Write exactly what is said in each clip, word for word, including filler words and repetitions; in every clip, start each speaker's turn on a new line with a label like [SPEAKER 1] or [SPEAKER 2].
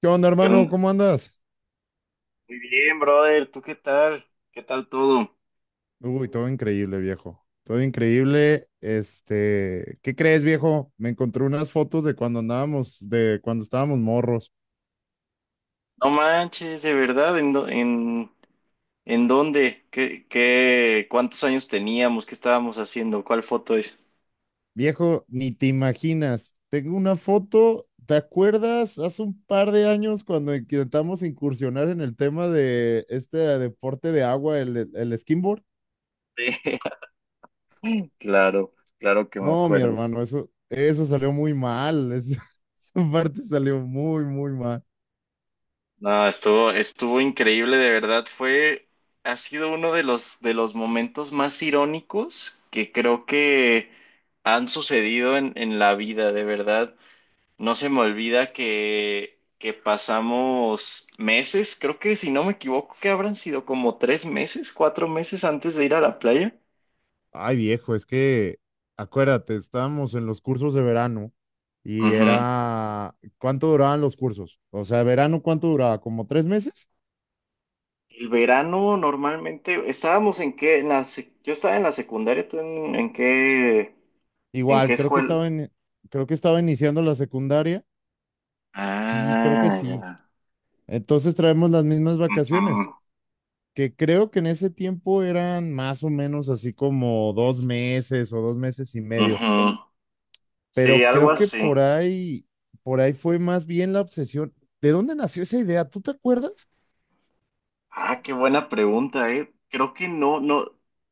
[SPEAKER 1] ¿Qué onda,
[SPEAKER 2] ¿Qué
[SPEAKER 1] hermano?
[SPEAKER 2] on-
[SPEAKER 1] ¿Cómo andas?
[SPEAKER 2] Muy bien, brother. ¿Tú qué tal? ¿Qué tal todo?
[SPEAKER 1] Uy, todo increíble, viejo. Todo increíble. Este, ¿qué crees, viejo? Me encontré unas fotos de cuando andábamos, de cuando estábamos morros.
[SPEAKER 2] No manches, de verdad. ¿En, dó- en, en dónde? ¿Qué, qué, Cuántos años teníamos? ¿Qué estábamos haciendo? ¿Cuál foto es?
[SPEAKER 1] Viejo, ni te imaginas. Tengo una foto, ¿te acuerdas? Hace un par de años cuando intentamos incursionar en el tema de este deporte de agua, el, el skimboard.
[SPEAKER 2] Claro, claro que me
[SPEAKER 1] No, mi
[SPEAKER 2] acuerdo.
[SPEAKER 1] hermano, eso, eso salió muy mal. Es- esa parte salió muy, muy mal.
[SPEAKER 2] No, estuvo, estuvo increíble, de verdad. Fue, ha sido uno de los, de los momentos más irónicos que creo que han sucedido en, en la vida, de verdad. No se me olvida que, que pasamos meses, creo que si no me equivoco, que habrán sido como tres meses, cuatro meses antes de ir a la playa.
[SPEAKER 1] Ay, viejo, es que acuérdate, estábamos en los cursos de verano y
[SPEAKER 2] Ujú.
[SPEAKER 1] era, ¿cuánto duraban los cursos? O sea, verano, ¿cuánto duraba? ¿Como tres meses?
[SPEAKER 2] El verano normalmente estábamos en qué, en la sec- yo estaba en la secundaria. ¿Tú en, en qué, en qué
[SPEAKER 1] Igual, creo que
[SPEAKER 2] escuela?
[SPEAKER 1] estaba en, creo que estaba iniciando la secundaria. Sí, creo que
[SPEAKER 2] Ah,
[SPEAKER 1] sí.
[SPEAKER 2] ya.
[SPEAKER 1] Entonces traemos las mismas vacaciones,
[SPEAKER 2] Ujú.
[SPEAKER 1] que creo que en ese tiempo eran más o menos así como dos meses o dos meses y medio,
[SPEAKER 2] Ujú. Sí,
[SPEAKER 1] pero
[SPEAKER 2] algo
[SPEAKER 1] creo que
[SPEAKER 2] así.
[SPEAKER 1] por ahí, por ahí fue más bien la obsesión. ¿De dónde nació esa idea? ¿Tú te acuerdas?
[SPEAKER 2] Ah, qué buena pregunta, eh. Creo que no, no,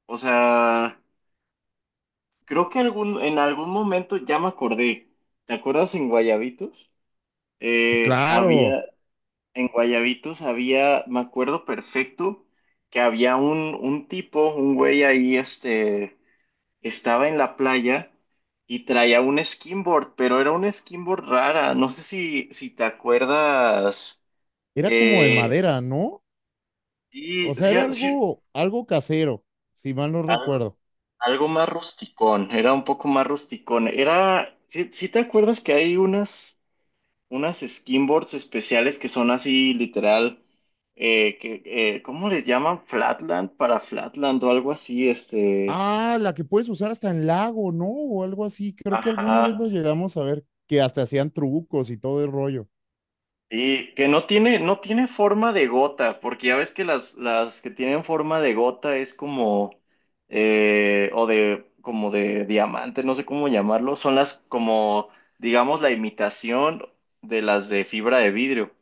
[SPEAKER 2] o sea. Creo que algún, en algún momento ya me acordé. ¿Te acuerdas en Guayabitos?
[SPEAKER 1] Sí,
[SPEAKER 2] Eh,
[SPEAKER 1] claro.
[SPEAKER 2] había, en Guayabitos había, me acuerdo perfecto, que había un, un tipo, un güey ahí, este, estaba en la playa y traía un skimboard, pero era un skimboard rara. No sé si, si te acuerdas.
[SPEAKER 1] Era como de
[SPEAKER 2] Eh,
[SPEAKER 1] madera, ¿no?
[SPEAKER 2] sí,
[SPEAKER 1] O sea,
[SPEAKER 2] sí,
[SPEAKER 1] era
[SPEAKER 2] sí,
[SPEAKER 1] algo, algo casero, si mal no recuerdo.
[SPEAKER 2] algo más rusticón, era un poco más rusticón. Era, si te acuerdas que hay unas unas skinboards especiales que son así literal, eh, que, eh, ¿cómo les llaman? Flatland para Flatland o algo así, este,
[SPEAKER 1] Ah, la que puedes usar hasta en lago, ¿no? O algo así. Creo que alguna vez
[SPEAKER 2] ajá,
[SPEAKER 1] lo llegamos a ver, que hasta hacían trucos y todo el rollo.
[SPEAKER 2] sí, que no tiene, no tiene forma de gota, porque ya ves que las, las que tienen forma de gota es como, eh, o de, como de diamante, no sé cómo llamarlo, son las como, digamos, la imitación de las de fibra de vidrio.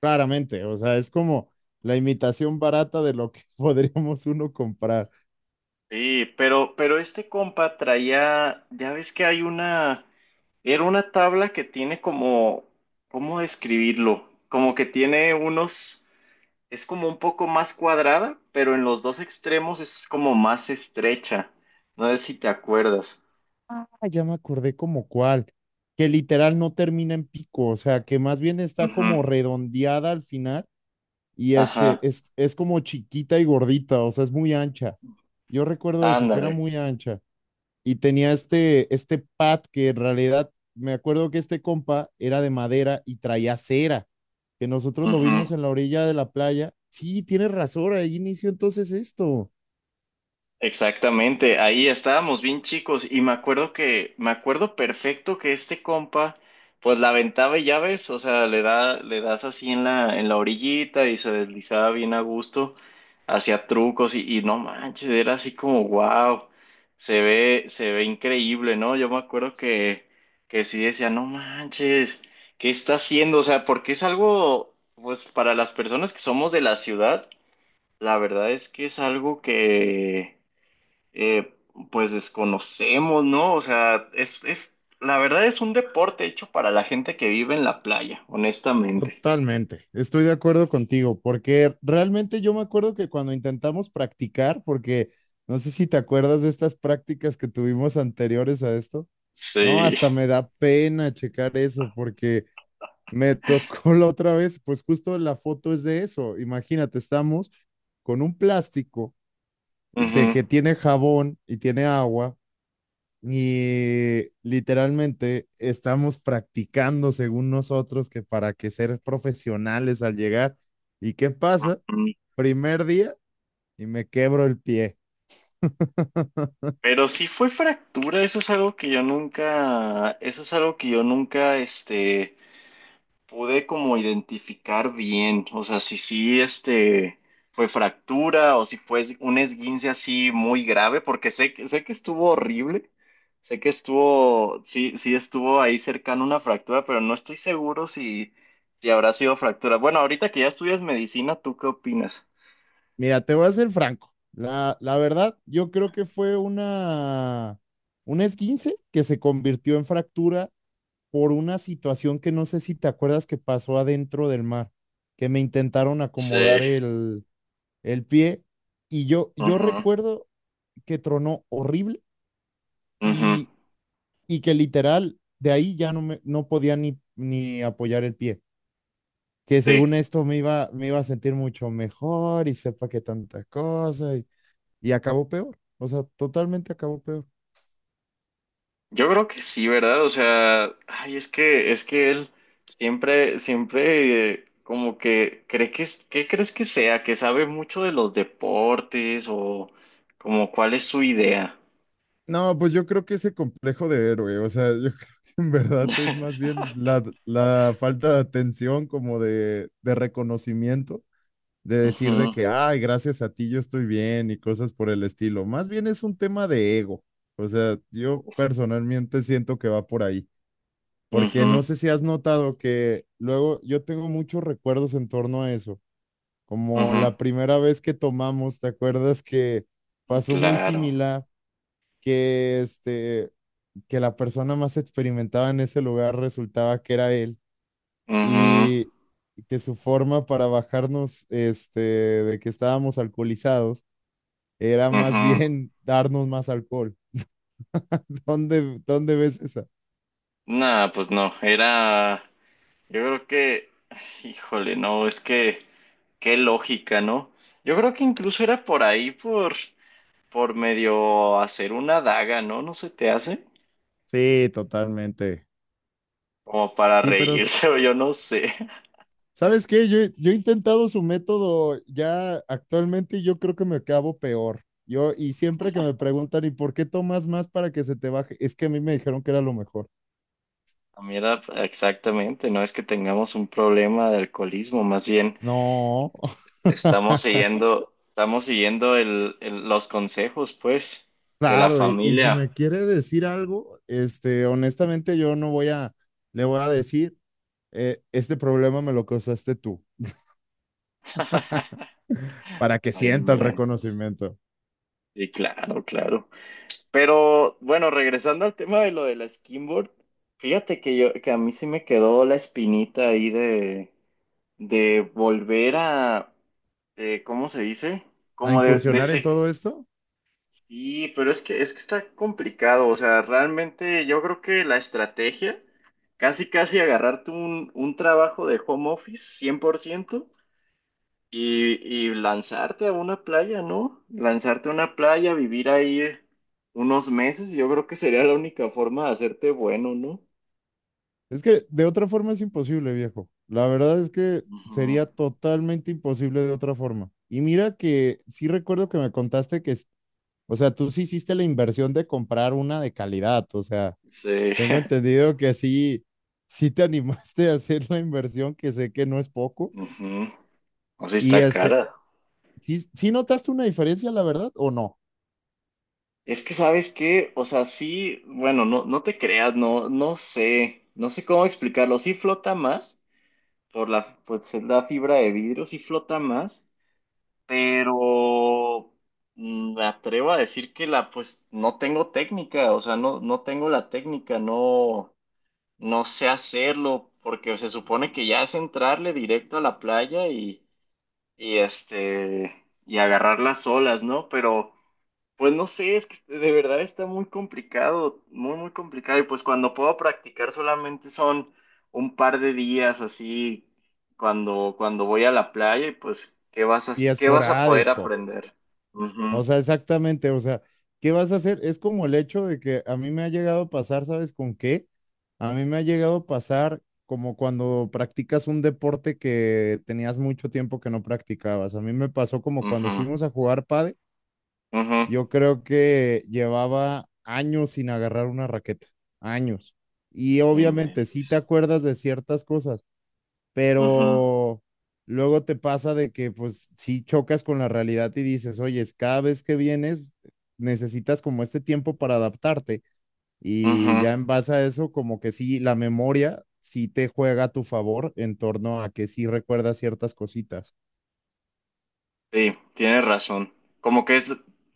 [SPEAKER 1] Claramente, o sea, es como la imitación barata de lo que podríamos uno comprar.
[SPEAKER 2] Sí, pero, pero este compa traía, ya ves que hay una, era una tabla que tiene como, ¿cómo describirlo? Como que tiene unos, es como un poco más cuadrada, pero en los dos extremos es como más estrecha. No sé si te acuerdas.
[SPEAKER 1] Ah, ya me acordé como cuál, que literal no termina en pico, o sea, que más bien está como
[SPEAKER 2] Ujú.
[SPEAKER 1] redondeada al final y este
[SPEAKER 2] Ajá,
[SPEAKER 1] es, es como chiquita y gordita, o sea, es muy ancha. Yo recuerdo eso, que era
[SPEAKER 2] ándale.
[SPEAKER 1] muy ancha y tenía este, este pad que en realidad me acuerdo que este compa era de madera y traía cera, que nosotros lo vimos en la orilla de la playa. Sí, tienes razón, ahí inició entonces esto.
[SPEAKER 2] Exactamente, ahí estábamos bien chicos y me acuerdo que, me acuerdo perfecto que este compa, pues la aventaba y ya ves, o sea, le da, le das así en la, en la orillita y se deslizaba bien a gusto, hacía trucos y, y no manches, era así como wow, se ve, se ve increíble, ¿no? Yo me acuerdo que, que sí decía, no manches, ¿qué está haciendo? O sea, porque es algo, pues para las personas que somos de la ciudad, la verdad es que es algo que eh, pues desconocemos, ¿no? O sea, es, es, la verdad es un deporte hecho para la gente que vive en la playa, honestamente.
[SPEAKER 1] Totalmente, estoy de acuerdo contigo, porque realmente yo me acuerdo que cuando intentamos practicar, porque no sé si te acuerdas de estas prácticas que tuvimos anteriores a esto. No,
[SPEAKER 2] Sí.
[SPEAKER 1] hasta me da pena checar eso porque me tocó la otra vez, pues justo la foto es de eso. Imagínate, estamos con un plástico de
[SPEAKER 2] Ujú.
[SPEAKER 1] que tiene jabón y tiene agua y literalmente estamos practicando según nosotros que para que ser profesionales al llegar. ¿Y qué pasa?
[SPEAKER 2] Mm.
[SPEAKER 1] Primer día y me quebro el pie.
[SPEAKER 2] Pero sí fue fractura, eso es algo que yo nunca, eso es algo que yo nunca, este, pude como identificar bien, o sea, si sí, este, fue fractura o si fue es- un esguince así muy grave, porque sé, que- sé que estuvo horrible, sé que estuvo, sí, sí estuvo ahí cercano una fractura, pero no estoy seguro si, si habrá sido fractura. Bueno, ahorita que ya estudias medicina, ¿tú qué opinas?
[SPEAKER 1] Mira, te voy a ser franco. La, la verdad, yo creo que fue una, una esguince que se convirtió en fractura por una situación que no sé si te acuerdas que pasó adentro del mar, que me intentaron
[SPEAKER 2] Sí.
[SPEAKER 1] acomodar el, el pie y yo, yo
[SPEAKER 2] Ujú,
[SPEAKER 1] recuerdo que tronó horrible
[SPEAKER 2] ujú,
[SPEAKER 1] y, y que literal de ahí ya no, me, no podía ni, ni apoyar el pie, que
[SPEAKER 2] sí.
[SPEAKER 1] según esto me iba, me iba a sentir mucho mejor y sepa que tanta cosa y acabó peor, o sea, totalmente acabó peor.
[SPEAKER 2] Yo creo que sí, ¿verdad? O sea, ay, es que, es que él siempre, siempre eh, como que cree que, es- ¿qué crees que sea? Que sabe mucho de los deportes o como cuál es su idea.
[SPEAKER 1] No, pues yo creo que ese complejo de héroe, o sea, yo creo que en verdad es más bien la, la falta de atención, como de, de reconocimiento, de decir de
[SPEAKER 2] Ujú,
[SPEAKER 1] que, ay, gracias a ti yo estoy bien y cosas por el estilo. Más bien es un tema de ego, o sea, yo personalmente siento que va por ahí, porque
[SPEAKER 2] ujú,
[SPEAKER 1] no sé si has notado que luego yo tengo muchos recuerdos en torno a eso como
[SPEAKER 2] ujú,
[SPEAKER 1] la primera vez que tomamos, ¿te acuerdas que pasó muy
[SPEAKER 2] claro.
[SPEAKER 1] similar? Que este, que la persona más experimentada en ese lugar resultaba que era él
[SPEAKER 2] Mhm.
[SPEAKER 1] y que su forma para bajarnos, este, de que estábamos alcoholizados, era más
[SPEAKER 2] Mhm.
[SPEAKER 1] bien darnos más alcohol. ¿Dónde, dónde ves esa?
[SPEAKER 2] Nada, pues no, era, yo creo que, híjole, no, es que, qué lógica, ¿no? Yo creo que incluso era por ahí, por... por medio hacer una daga, ¿no? ¿No se te hace?
[SPEAKER 1] Sí, totalmente.
[SPEAKER 2] Como para
[SPEAKER 1] Sí, pero s-
[SPEAKER 2] reírse o yo no sé.
[SPEAKER 1] ¿Sabes qué? Yo, he- yo he intentado su método ya actualmente y yo creo que me acabo peor. Yo, y siempre que me preguntan, ¿y por qué tomas más para que se te baje? Es que a mí me dijeron que era lo mejor.
[SPEAKER 2] Ah, Mira, exactamente, no es que tengamos un problema de alcoholismo, más bien
[SPEAKER 1] No.
[SPEAKER 2] estamos siguiendo, estamos siguiendo el, el- los consejos, pues, de la
[SPEAKER 1] Claro, y, y si
[SPEAKER 2] familia.
[SPEAKER 1] me quiere decir algo, este, honestamente yo no voy a, le voy a decir, eh, este problema me lo causaste tú, para que
[SPEAKER 2] Ay,
[SPEAKER 1] sienta el
[SPEAKER 2] inventos.
[SPEAKER 1] reconocimiento.
[SPEAKER 2] Sí, claro, claro. Pero bueno, regresando al tema de lo de la skimboard, fíjate que yo, que a mí sí me quedó la espinita ahí de de volver a, eh, ¿cómo se dice?
[SPEAKER 1] ¿A
[SPEAKER 2] Como de, de
[SPEAKER 1] incursionar en
[SPEAKER 2] ese...
[SPEAKER 1] todo esto?
[SPEAKER 2] Sí, pero es que, es que está complicado, o sea, realmente yo creo que la estrategia, casi casi agarrarte un, un trabajo de home office cien por ciento y, y lanzarte a una playa, ¿no? Lanzarte a una playa, vivir ahí unos meses, yo creo que sería la única forma de hacerte bueno, ¿no?
[SPEAKER 1] Es que de otra forma es imposible, viejo. La verdad es que
[SPEAKER 2] Ujú.
[SPEAKER 1] sería totalmente imposible de otra forma. Y mira que, sí recuerdo que me contaste que, es- o sea, tú sí hiciste la inversión de comprar una de calidad. O sea,
[SPEAKER 2] Sí.
[SPEAKER 1] tengo entendido que sí, sí te animaste a hacer la inversión, que sé que no es poco.
[SPEAKER 2] Ujú. O sea,
[SPEAKER 1] Y
[SPEAKER 2] está
[SPEAKER 1] este,
[SPEAKER 2] cara.
[SPEAKER 1] ¿sí, sí notaste una diferencia, la verdad, o no?
[SPEAKER 2] Es que sabes qué, o sea, sí, bueno, no, no te creas, no, no sé, no sé cómo explicarlo. Sí flota más por la, pues, es la fibra de vidrio, sí flota más, pero mm, me atrevo a decir que la, pues, no tengo técnica, o sea, no, no tengo la técnica, no, no sé hacerlo, porque se supone que ya es entrarle directo a la playa y, y este, y agarrar las olas, ¿no? Pero pues no sé, es que de verdad está muy complicado, muy, muy complicado. Y pues cuando puedo practicar solamente son un par de días así, cuando, cuando voy a la playa y pues, ¿qué vas a,
[SPEAKER 1] Y
[SPEAKER 2] qué vas a poder
[SPEAKER 1] esporádico.
[SPEAKER 2] aprender? Ujú,
[SPEAKER 1] O sea, exactamente, o sea, ¿qué vas a hacer? Es como el hecho de que a mí me ha llegado a pasar, ¿sabes con qué? A mí me ha llegado a pasar como cuando practicas un deporte que tenías mucho tiempo que no practicabas. A mí me pasó como cuando
[SPEAKER 2] ujú,
[SPEAKER 1] fuimos a jugar pádel,
[SPEAKER 2] ujú.
[SPEAKER 1] yo creo que llevaba años sin agarrar una raqueta, años. Y
[SPEAKER 2] No
[SPEAKER 1] obviamente sí te
[SPEAKER 2] inventes.
[SPEAKER 1] acuerdas de ciertas cosas,
[SPEAKER 2] Ujú,
[SPEAKER 1] pero luego te pasa de que pues sí chocas con la realidad y dices, oye, cada vez que vienes necesitas como este tiempo para adaptarte y
[SPEAKER 2] ujú.
[SPEAKER 1] ya en base a eso como que sí, la memoria sí te juega a tu favor en torno a que sí recuerdas ciertas cositas.
[SPEAKER 2] Sí, tienes razón. Como que es,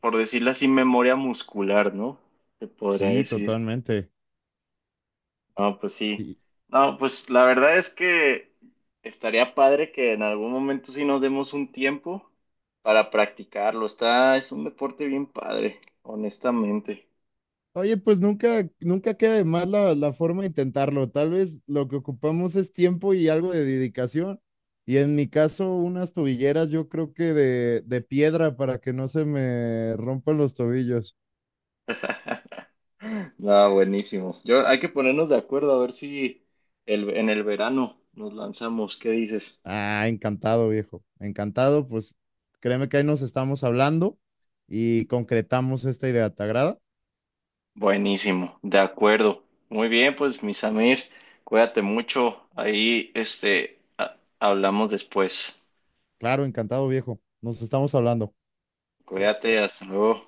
[SPEAKER 2] por decirlo así, memoria muscular, ¿no? Te podría
[SPEAKER 1] Sí,
[SPEAKER 2] decir.
[SPEAKER 1] totalmente.
[SPEAKER 2] No, pues sí. No, pues la verdad es que estaría padre que en algún momento sí nos demos un tiempo para practicarlo. Está, es un deporte bien padre, honestamente.
[SPEAKER 1] Oye, pues nunca, nunca queda de más la, la forma de intentarlo. Tal vez lo que ocupamos es tiempo y algo de dedicación. Y en mi caso, unas tobilleras, yo creo que de, de piedra para que no se me rompan los tobillos.
[SPEAKER 2] No, buenísimo. Yo, hay que ponernos de acuerdo a ver si el, en el verano nos lanzamos. ¿Qué dices?
[SPEAKER 1] Ah, encantado, viejo. Encantado, pues créeme que ahí nos estamos hablando y concretamos esta idea. ¿Te agrada?
[SPEAKER 2] Buenísimo, de acuerdo. Muy bien, pues mi Samir, cuídate mucho. Ahí, este, ha- hablamos después.
[SPEAKER 1] Claro, encantado, viejo. Nos estamos hablando.
[SPEAKER 2] Cuídate, hasta luego.